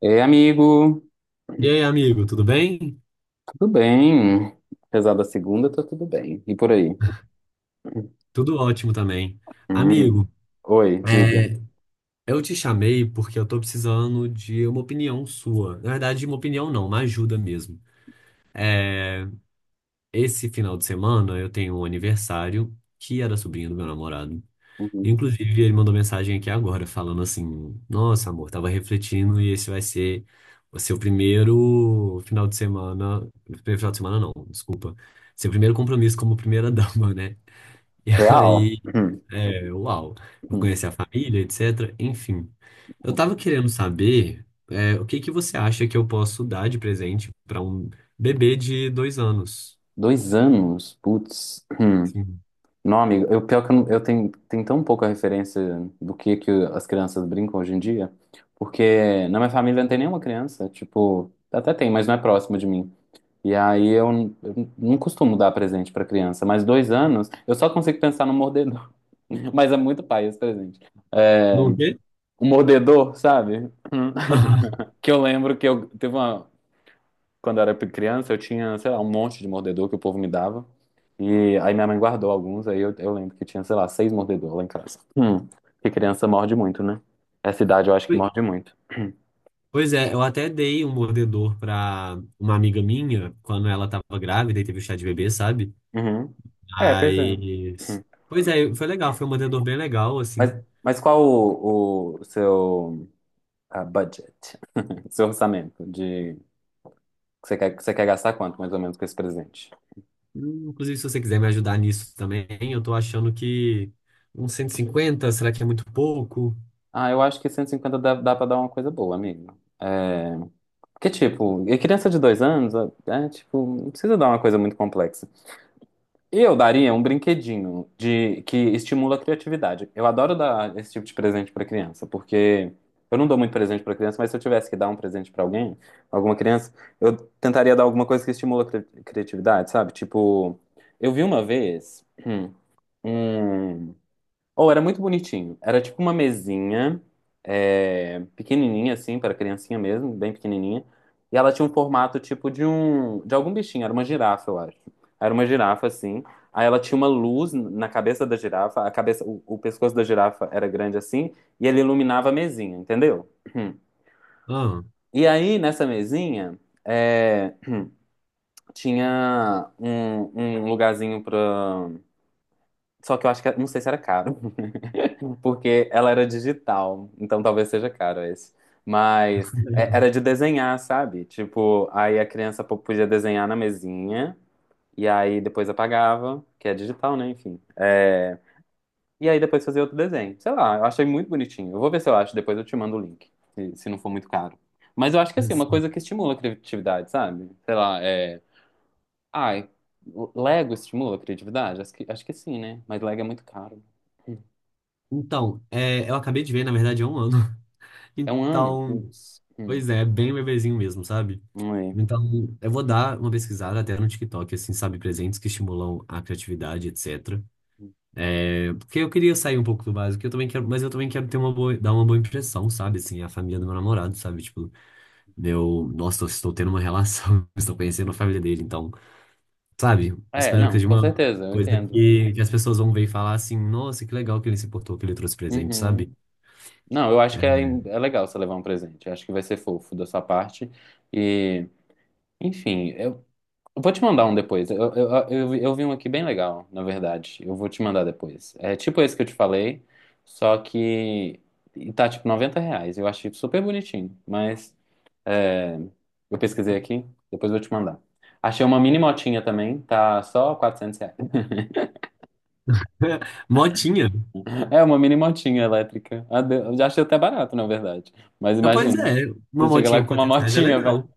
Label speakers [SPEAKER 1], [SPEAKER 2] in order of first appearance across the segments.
[SPEAKER 1] Ei, amigo,
[SPEAKER 2] E aí, amigo, tudo bem?
[SPEAKER 1] tudo bem? Apesar da segunda, tá tudo bem. E por aí?
[SPEAKER 2] Tudo ótimo também.
[SPEAKER 1] Hum.
[SPEAKER 2] Amigo,
[SPEAKER 1] Oi, diga.
[SPEAKER 2] é, eu te chamei porque eu tô precisando de uma opinião sua. Na verdade, uma opinião não, uma ajuda mesmo. É, esse final de semana eu tenho um aniversário que era sobrinho do meu namorado.
[SPEAKER 1] Uhum.
[SPEAKER 2] Inclusive, ele mandou mensagem aqui agora falando assim: Nossa, amor, tava refletindo e esse vai ser o seu primeiro final de semana. Primeiro final de semana, não, desculpa. Seu primeiro compromisso como primeira dama, né? E
[SPEAKER 1] Real?
[SPEAKER 2] aí. Uau. Vou
[SPEAKER 1] Hum.
[SPEAKER 2] conhecer a família, etc. Enfim, eu
[SPEAKER 1] Hum.
[SPEAKER 2] tava querendo saber, o que que você acha que eu posso dar de presente para um bebê de 2 anos?
[SPEAKER 1] Dois anos? Putz. Hum.
[SPEAKER 2] Sim.
[SPEAKER 1] Não, amigo, eu, pior que eu, eu tenho tão pouca referência do que as crianças brincam hoje em dia, porque na minha família não tem nenhuma criança, tipo, até tem, mas não é próximo de mim. E aí eu não costumo dar presente pra criança, mas 2 anos, eu só consigo pensar no Mas é muito pai esse presente.
[SPEAKER 2] Não o quê?
[SPEAKER 1] Um mordedor, sabe? Que eu lembro que eu teve uma. Quando eu era criança, eu tinha, sei lá, um monte de mordedor que o povo me dava. E aí minha mãe guardou alguns, aí eu lembro que tinha, sei lá, 6 mordedores lá em casa. Hum. Que criança morde muito, né? Essa idade eu acho que
[SPEAKER 2] Ui.
[SPEAKER 1] morde muito.
[SPEAKER 2] Pois é, eu até dei um mordedor pra uma amiga minha quando ela tava grávida e teve o chá de bebê, sabe?
[SPEAKER 1] Uhum. É, pois é. Uhum.
[SPEAKER 2] Mas. Pois é, foi legal, foi um mordedor bem legal, assim.
[SPEAKER 1] Mas, mas qual o seu budget, seu orçamento de você quer gastar quanto mais ou menos com esse presente?
[SPEAKER 2] Inclusive, se você quiser me ajudar nisso também, eu tô achando que uns 150 será que é muito pouco?
[SPEAKER 1] Ah, eu acho que 150 dá pra dar uma coisa boa, amigo. É, porque, tipo, e criança de 2 anos, é, tipo, não precisa dar uma coisa muito complexa. E eu daria um brinquedinho de que estimula a criatividade. Eu adoro dar esse tipo de presente pra criança, porque eu não dou muito presente pra criança, mas se eu tivesse que dar um presente pra alguém, alguma criança, eu tentaria dar alguma coisa que estimula a criatividade, sabe? Tipo, eu vi uma vez um, ou era muito bonitinho. Era tipo uma mesinha, pequenininha assim, para criancinha mesmo, bem pequenininha. E ela tinha um formato tipo de de algum bichinho, era uma girafa, eu acho. Era uma girafa assim. Aí ela tinha uma luz na cabeça da girafa, a cabeça, o pescoço da girafa era grande assim, e ele iluminava a mesinha, entendeu?
[SPEAKER 2] Ah,
[SPEAKER 1] E aí nessa mesinha é, tinha um lugarzinho pra. Só que eu acho que não sei se era caro. Porque ela era digital, então talvez seja caro esse. Mas era de desenhar, sabe? Tipo, aí a criança podia desenhar na mesinha, e aí depois apagava, que é digital, né? Enfim. E aí depois fazia outro desenho. Sei lá, eu achei muito bonitinho. Eu vou ver se eu acho, depois eu te mando o link, se não for muito caro. Mas eu acho que assim, é uma
[SPEAKER 2] assim.
[SPEAKER 1] coisa que estimula a criatividade, sabe? Sei lá, é. Ai, Lego estimula a criatividade? Acho que sim, né? Mas Lego é muito caro.
[SPEAKER 2] Então, eu acabei de ver, na verdade, há um ano.
[SPEAKER 1] É um ano?
[SPEAKER 2] Então,
[SPEAKER 1] Putz. Hum.
[SPEAKER 2] pois é, é bem bebezinho mesmo, sabe?
[SPEAKER 1] Não é.
[SPEAKER 2] Então, eu vou dar uma pesquisada até no TikTok, assim, sabe, presentes que estimulam a criatividade, etc. Porque eu queria sair um pouco do básico, eu também quero, mas eu também quero ter uma boa, dar uma boa impressão, sabe, assim, a família do meu namorado, sabe, tipo, meu, nossa, eu estou tendo uma relação, estou conhecendo a família dele, então, sabe? Eu
[SPEAKER 1] É,
[SPEAKER 2] espero que
[SPEAKER 1] não,
[SPEAKER 2] seja
[SPEAKER 1] com
[SPEAKER 2] uma
[SPEAKER 1] certeza, eu
[SPEAKER 2] coisa
[SPEAKER 1] entendo.
[SPEAKER 2] que as pessoas vão ver e falar assim: nossa, que legal que ele se portou, que ele trouxe presente, sabe?
[SPEAKER 1] Uhum. Não, eu acho que é legal você levar um presente. Eu acho que vai ser fofo da sua parte. E, enfim, eu vou te mandar um depois. Eu vi um aqui bem legal, na verdade. Eu vou te mandar depois. É tipo esse que eu te falei, só que e tá tipo R$ 90. Eu achei super bonitinho, mas é, eu pesquisei aqui, depois eu vou te mandar. Achei uma mini motinha também, tá só R$ 400.
[SPEAKER 2] Motinha.
[SPEAKER 1] É uma mini motinha elétrica. Ah, eu já achei até barato, na verdade. Mas
[SPEAKER 2] Ah, pois
[SPEAKER 1] imagina,
[SPEAKER 2] é, uma
[SPEAKER 1] você chega
[SPEAKER 2] motinha
[SPEAKER 1] lá
[SPEAKER 2] com
[SPEAKER 1] com uma
[SPEAKER 2] R$ 400 é
[SPEAKER 1] motinha, velho.
[SPEAKER 2] legal.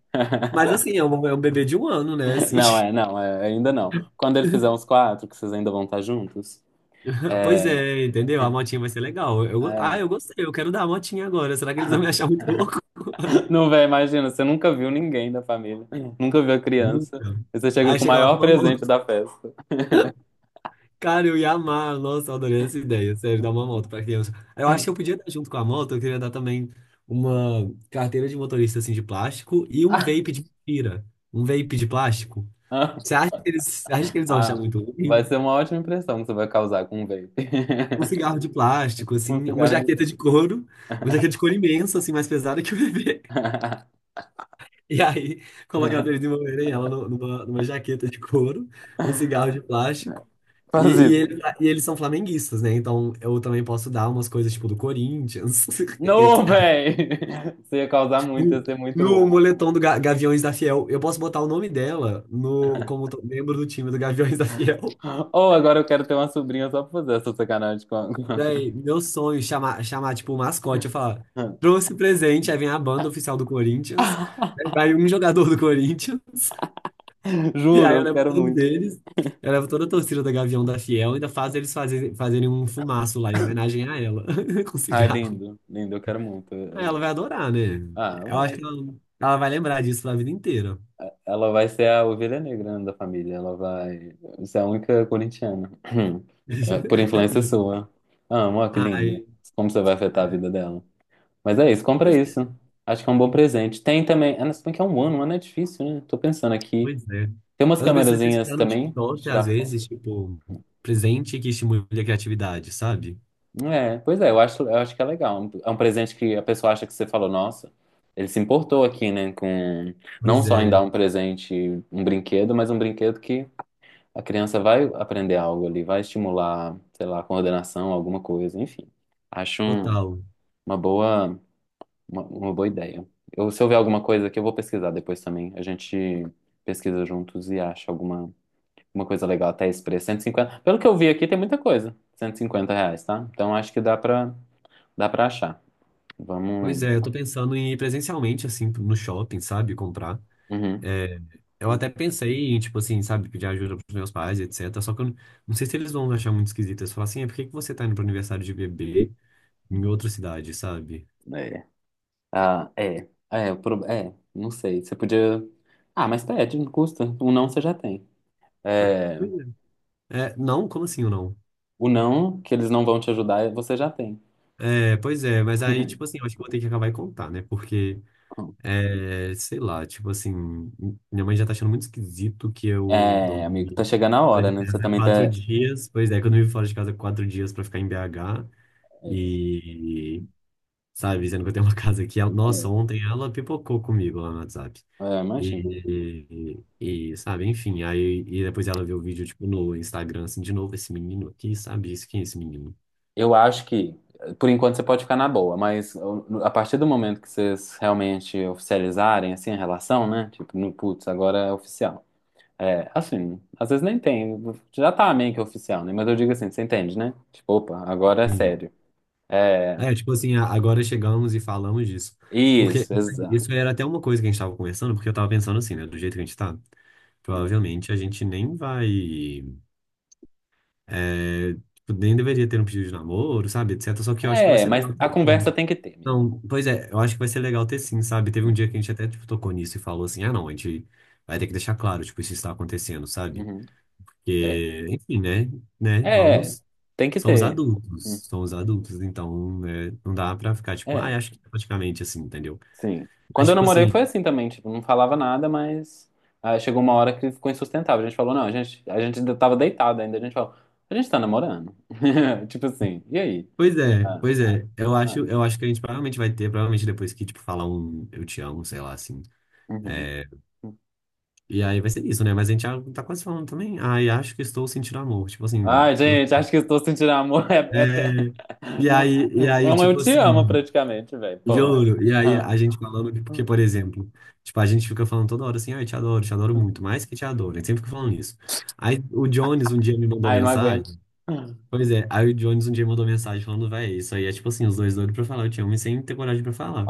[SPEAKER 2] Mas assim, é um bebê de um ano, né? Assim,
[SPEAKER 1] Não, é, não, é, ainda não. Quando ele fizer uns quatro, que vocês ainda vão estar juntos,
[SPEAKER 2] pois
[SPEAKER 1] é,
[SPEAKER 2] é, entendeu? A motinha vai ser legal. Eu, ah,
[SPEAKER 1] é.
[SPEAKER 2] eu gostei, eu quero dar a motinha agora. Será que eles vão me achar muito louco?
[SPEAKER 1] Não, velho, imagina, você nunca viu ninguém da família, nunca viu a criança,
[SPEAKER 2] Nunca.
[SPEAKER 1] e você chega
[SPEAKER 2] Aí
[SPEAKER 1] com o
[SPEAKER 2] chega lá
[SPEAKER 1] maior
[SPEAKER 2] com uma
[SPEAKER 1] presente
[SPEAKER 2] moto.
[SPEAKER 1] da festa.
[SPEAKER 2] Cara, eu ia amar. Nossa, eu adorei essa ideia. Sério, dar uma moto pra criança. Eu acho que eu podia dar junto com a moto, eu queria dar também uma carteira de motorista assim de plástico e um
[SPEAKER 1] Ah,
[SPEAKER 2] vape de mentira. Um vape de plástico.
[SPEAKER 1] ah,
[SPEAKER 2] Você acha que eles vão
[SPEAKER 1] ah,
[SPEAKER 2] achar muito
[SPEAKER 1] vai
[SPEAKER 2] ruim?
[SPEAKER 1] ser uma ótima impressão que você vai causar com um vape.
[SPEAKER 2] Um cigarro de plástico,
[SPEAKER 1] Um
[SPEAKER 2] assim, uma
[SPEAKER 1] cigarro de
[SPEAKER 2] jaqueta
[SPEAKER 1] vape.
[SPEAKER 2] de couro, uma jaqueta de couro imensa, assim, mais pesada que o bebê. E aí, colocava ele de uma maneira, ela numa jaqueta de couro, um cigarro de plástico. E,
[SPEAKER 1] Faz
[SPEAKER 2] e, ele-
[SPEAKER 1] isso.
[SPEAKER 2] e eles são flamenguistas, né? Então eu também posso dar umas coisas tipo do Corinthians.
[SPEAKER 1] Não, véi! Isso ia causar muito, ia
[SPEAKER 2] No,
[SPEAKER 1] ser muito
[SPEAKER 2] no
[SPEAKER 1] bom.
[SPEAKER 2] moletom do Gaviões da Fiel. Eu posso botar o nome dela no, como to- membro do time do Gaviões da Fiel.
[SPEAKER 1] Ou agora eu quero ter uma sobrinha só pra fazer essa sacanagem com a...
[SPEAKER 2] Daí, meu sonho, chamar tipo o mascote, eu falar,
[SPEAKER 1] com
[SPEAKER 2] trouxe presente, aí vem a banda oficial do Corinthians, aí
[SPEAKER 1] a-
[SPEAKER 2] vai um jogador do Corinthians. E
[SPEAKER 1] Juro,
[SPEAKER 2] aí eu
[SPEAKER 1] eu
[SPEAKER 2] levo
[SPEAKER 1] quero
[SPEAKER 2] todos
[SPEAKER 1] muito.
[SPEAKER 2] eles, eu levo toda a torcida da Gavião da Fiel, ainda faz eles fazerem um fumaço lá em homenagem a ela, com
[SPEAKER 1] Ah,
[SPEAKER 2] cigarro.
[SPEAKER 1] lindo, lindo, eu quero muito.
[SPEAKER 2] Aí ela vai adorar, né?
[SPEAKER 1] Ah,
[SPEAKER 2] Eu acho que
[SPEAKER 1] vai.
[SPEAKER 2] ela vai lembrar disso pra vida inteira.
[SPEAKER 1] Ela vai ser a ovelha negra, né, da família, ela vai ser a única corintiana. É, por influência sua. Amo, ó, que
[SPEAKER 2] Ai,
[SPEAKER 1] lindo. Como você vai afetar a
[SPEAKER 2] ai.
[SPEAKER 1] vida dela? Mas é isso, compra
[SPEAKER 2] Pois é,
[SPEAKER 1] isso. Acho que é um bom presente. Tem também. Ah, não, se bem que é um ano é difícil, né? Tô pensando aqui.
[SPEAKER 2] pois é.
[SPEAKER 1] Tem umas
[SPEAKER 2] Eu tô pensando em
[SPEAKER 1] câmerazinhas
[SPEAKER 2] pesquisar no
[SPEAKER 1] também de
[SPEAKER 2] TikTok,
[SPEAKER 1] tirar
[SPEAKER 2] às
[SPEAKER 1] foto.
[SPEAKER 2] vezes, tipo, presente que estimule a criatividade, sabe?
[SPEAKER 1] É, pois é, eu acho que é legal. É um presente que a pessoa acha que você falou, nossa, ele se importou aqui, né? Com não
[SPEAKER 2] Pois
[SPEAKER 1] só em dar
[SPEAKER 2] é,
[SPEAKER 1] um presente, um brinquedo, mas um brinquedo que a criança vai aprender algo ali, vai estimular, sei lá, coordenação, alguma coisa, enfim. Acho
[SPEAKER 2] total.
[SPEAKER 1] uma boa. Uma boa ideia. Eu, se eu ver alguma coisa aqui, eu vou pesquisar depois também. A gente pesquisa juntos e acha alguma coisa legal até esse preço. 150. Pelo que eu vi aqui, tem muita coisa. R$ 150, tá? Então acho que dá pra achar.
[SPEAKER 2] Pois
[SPEAKER 1] Vamos.
[SPEAKER 2] é, eu tô pensando em ir presencialmente, assim, no shopping, sabe? Comprar.
[SPEAKER 1] Uhum.
[SPEAKER 2] É, eu até pensei em, tipo assim, sabe, pedir ajuda pros meus pais, etc. Só que eu não sei se eles vão achar muito esquisito. Eles falam assim, por que que você tá indo pro aniversário de bebê em outra cidade, sabe?
[SPEAKER 1] É. Ah, é. É, é, não sei. Você podia. Ah, mas pede, não custa. O não você já tem.
[SPEAKER 2] Pois
[SPEAKER 1] É,
[SPEAKER 2] pois é. Não, como assim ou não?
[SPEAKER 1] o não, que eles não vão te ajudar, você já tem.
[SPEAKER 2] Pois é, mas aí, tipo assim, eu acho que eu vou ter que acabar e contar, né? Porque, sei lá, tipo assim, minha mãe já tá achando muito esquisito que eu
[SPEAKER 1] É, amigo, tá
[SPEAKER 2] dormi
[SPEAKER 1] chegando a
[SPEAKER 2] fora
[SPEAKER 1] hora,
[SPEAKER 2] de
[SPEAKER 1] né? Você
[SPEAKER 2] casa
[SPEAKER 1] também
[SPEAKER 2] quatro
[SPEAKER 1] tá.
[SPEAKER 2] dias. Pois é, que eu dormi fora de casa quatro dias pra ficar em BH.
[SPEAKER 1] é,
[SPEAKER 2] E sabe? Dizendo que eu tenho uma casa aqui. Ela-
[SPEAKER 1] É.
[SPEAKER 2] Nossa, ontem ela pipocou comigo lá no WhatsApp.
[SPEAKER 1] É, imagino.
[SPEAKER 2] E, e, sabe, enfim, aí e depois ela viu o vídeo, tipo, no Instagram, assim, de novo, esse menino aqui, sabe? Isso, quem é esse menino?
[SPEAKER 1] Eu acho que, por enquanto, você pode ficar na boa, mas a partir do momento que vocês realmente oficializarem, assim, a relação, né? Tipo, no putz, agora é oficial. É, assim, às vezes nem tem, já tá meio que oficial, né? Mas eu digo assim, você entende, né? Tipo, opa, agora é
[SPEAKER 2] Sim.
[SPEAKER 1] sério. É,
[SPEAKER 2] Tipo assim, agora chegamos e falamos disso. Porque
[SPEAKER 1] isso, exato.
[SPEAKER 2] isso era até uma coisa que a gente tava conversando, porque eu tava pensando assim, né? Do jeito que a gente tá, provavelmente a gente nem vai. é, tipo, nem deveria ter um pedido de namoro, sabe? Etc. Só que eu acho que vai
[SPEAKER 1] É,
[SPEAKER 2] ser
[SPEAKER 1] mas
[SPEAKER 2] legal.
[SPEAKER 1] a conversa tem que ter, amigo.
[SPEAKER 2] Não, pois é, eu acho que vai ser legal ter sim, sabe? Teve um dia que a gente até, tipo, tocou nisso e falou assim, ah, não, a gente vai ter que deixar claro, tipo, isso está acontecendo, sabe?
[SPEAKER 1] Uhum. É,
[SPEAKER 2] Porque, enfim, né? Né?
[SPEAKER 1] é,
[SPEAKER 2] Vamos,
[SPEAKER 1] tem que ter. Uhum.
[SPEAKER 2] são os adultos, então, né, não dá pra ficar, tipo,
[SPEAKER 1] É.
[SPEAKER 2] ah, acho que tá praticamente assim, entendeu?
[SPEAKER 1] Sim. Quando
[SPEAKER 2] Mas,
[SPEAKER 1] eu
[SPEAKER 2] tipo
[SPEAKER 1] namorei
[SPEAKER 2] assim,
[SPEAKER 1] foi assim também, tipo, não falava nada, mas chegou uma hora que ficou insustentável. A gente falou, não, a gente ainda tava deitado ainda, a gente falou, a gente tá namorando. Tipo assim, e aí? Ah,
[SPEAKER 2] pois é, eu acho,
[SPEAKER 1] ah,
[SPEAKER 2] eu acho que a gente provavelmente provavelmente depois que, tipo, falar um eu te amo, sei lá, assim,
[SPEAKER 1] uhum.
[SPEAKER 2] é, e aí vai ser isso, né? Mas a gente já tá quase falando também, ai, acho que estou sentindo amor, tipo assim,
[SPEAKER 1] Ai,
[SPEAKER 2] meu
[SPEAKER 1] gente, acho que estou sentindo amor. É, até-
[SPEAKER 2] É, e
[SPEAKER 1] não-
[SPEAKER 2] aí, e
[SPEAKER 1] é
[SPEAKER 2] aí,
[SPEAKER 1] um eu
[SPEAKER 2] tipo
[SPEAKER 1] te amo
[SPEAKER 2] assim,
[SPEAKER 1] praticamente, velho. Porra.
[SPEAKER 2] juro, e aí
[SPEAKER 1] Ah,
[SPEAKER 2] a gente falando porque, por exemplo, tipo, a gente fica falando toda hora assim, ai, te adoro muito, mais que te adoro, a gente sempre fica falando isso. Aí o Jones um dia me mandou
[SPEAKER 1] ai, eu não aguento.
[SPEAKER 2] mensagem, pois é, aí o Jones um dia me mandou mensagem falando, véi, isso aí é tipo assim, os dois doidos pra falar, eu te amo e sem ter coragem pra falar.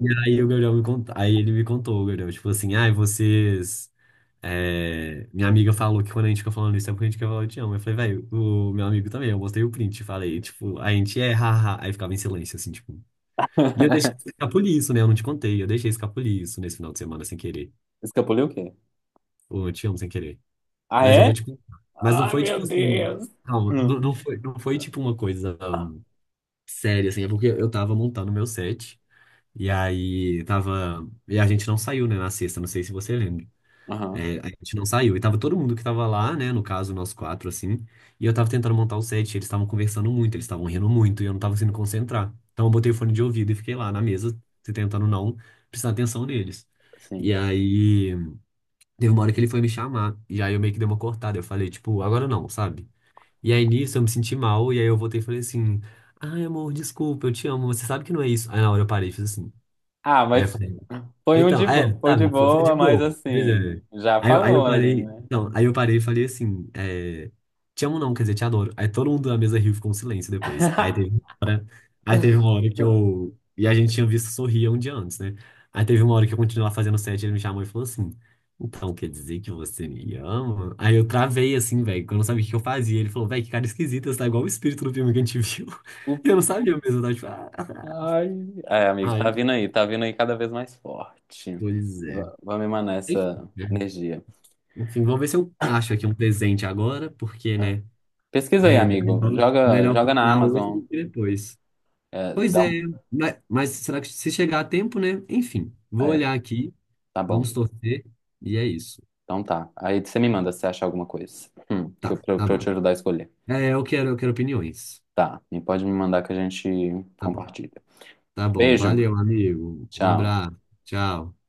[SPEAKER 2] E aí o Gabriel me contou, aí ele me contou, o Gabriel, tipo assim, ai, vocês. É, minha amiga falou que quando a gente ficou falando isso é porque a gente quer falar eu te amo. Eu falei, velho, o meu amigo também. Eu mostrei o print, falei, tipo, a gente é, haha. Aí ficava em silêncio, assim, tipo. E eu deixei escapulir isso, né? Eu não te contei. Eu deixei escapulir isso nesse final de semana sem querer.
[SPEAKER 1] Escapuliu o quê?
[SPEAKER 2] Ou eu te amo sem querer.
[SPEAKER 1] Ah,
[SPEAKER 2] Mas eu vou
[SPEAKER 1] é?
[SPEAKER 2] te contar. Mas não
[SPEAKER 1] Ai,
[SPEAKER 2] foi
[SPEAKER 1] meu
[SPEAKER 2] tipo assim.
[SPEAKER 1] Deus.
[SPEAKER 2] Calma, não,
[SPEAKER 1] Hum.
[SPEAKER 2] não foi tipo uma coisa séria, assim. É porque eu tava montando meu set. E aí tava. E a gente não saiu, né, na sexta. Não sei se você lembra.
[SPEAKER 1] Aham,
[SPEAKER 2] É, a gente não saiu. E tava todo mundo que tava lá, né? No caso, nós quatro, assim. E eu tava tentando montar o set, eles estavam conversando muito, eles estavam rindo muito, e eu não tava conseguindo concentrar. Então eu botei o fone de ouvido e fiquei lá na mesa, se tentando não prestar atenção neles. E
[SPEAKER 1] sim.
[SPEAKER 2] aí, teve uma hora que ele foi me chamar. E aí eu meio que dei uma cortada. Eu falei, tipo, agora não, sabe? E aí nisso eu me senti mal, e aí eu voltei e falei assim: Ai, amor, desculpa, eu te amo, você sabe que não é isso. Aí na hora eu parei e fiz assim.
[SPEAKER 1] Ah,
[SPEAKER 2] Aí eu
[SPEAKER 1] mas
[SPEAKER 2] falei.
[SPEAKER 1] foi um
[SPEAKER 2] Então,
[SPEAKER 1] de
[SPEAKER 2] é,
[SPEAKER 1] boa, foi de
[SPEAKER 2] sabe, foi, foi de
[SPEAKER 1] boa, mas
[SPEAKER 2] boa. Pois é.
[SPEAKER 1] assim, já
[SPEAKER 2] Aí eu
[SPEAKER 1] falou ali,
[SPEAKER 2] parei,
[SPEAKER 1] né?
[SPEAKER 2] então, aí eu parei e falei assim, é, te amo não, quer dizer, te adoro. Aí todo mundo na mesa riu, e ficou um silêncio depois. Aí teve uma hora, e a gente tinha visto sorrir um dia antes, né? Aí teve uma hora que eu continuava fazendo set, ele me chamou e falou assim, então, quer dizer que você me ama? Aí eu travei assim, velho, que eu não sabia o que eu fazia. Ele falou, velho, que cara esquisita, você tá igual o espírito do filme que a gente viu.
[SPEAKER 1] O-
[SPEAKER 2] eu não sabia mesmo, eu tava tipo, ah.
[SPEAKER 1] Ai, é, amigo,
[SPEAKER 2] Aí,
[SPEAKER 1] tá vindo aí cada vez mais forte.
[SPEAKER 2] pois é.
[SPEAKER 1] Vamos emanar
[SPEAKER 2] Enfim,
[SPEAKER 1] essa
[SPEAKER 2] né?
[SPEAKER 1] energia.
[SPEAKER 2] Enfim, vou ver se eu acho aqui um presente agora, porque,
[SPEAKER 1] É.
[SPEAKER 2] né?
[SPEAKER 1] Pesquisa aí,
[SPEAKER 2] É
[SPEAKER 1] amigo.
[SPEAKER 2] melhor,
[SPEAKER 1] Joga,
[SPEAKER 2] melhor
[SPEAKER 1] joga na
[SPEAKER 2] comprar hoje
[SPEAKER 1] Amazon.
[SPEAKER 2] do que depois.
[SPEAKER 1] É,
[SPEAKER 2] Pois é, mas será que se chegar a tempo, né? Enfim, vou
[SPEAKER 1] é,
[SPEAKER 2] olhar aqui,
[SPEAKER 1] tá
[SPEAKER 2] vamos
[SPEAKER 1] bom.
[SPEAKER 2] torcer, e é isso.
[SPEAKER 1] Então tá. Aí você me manda se você achar alguma coisa. Que eu,
[SPEAKER 2] Tá,
[SPEAKER 1] pra, eu
[SPEAKER 2] tá
[SPEAKER 1] pra eu te
[SPEAKER 2] bom.
[SPEAKER 1] ajudar a escolher.
[SPEAKER 2] Eu quero opiniões.
[SPEAKER 1] Tá. E pode me mandar que a gente
[SPEAKER 2] Tá bom.
[SPEAKER 1] compartilha.
[SPEAKER 2] Tá bom.
[SPEAKER 1] Beijo.
[SPEAKER 2] Valeu, amigo. Um
[SPEAKER 1] Tchau.
[SPEAKER 2] abraço. Tchau.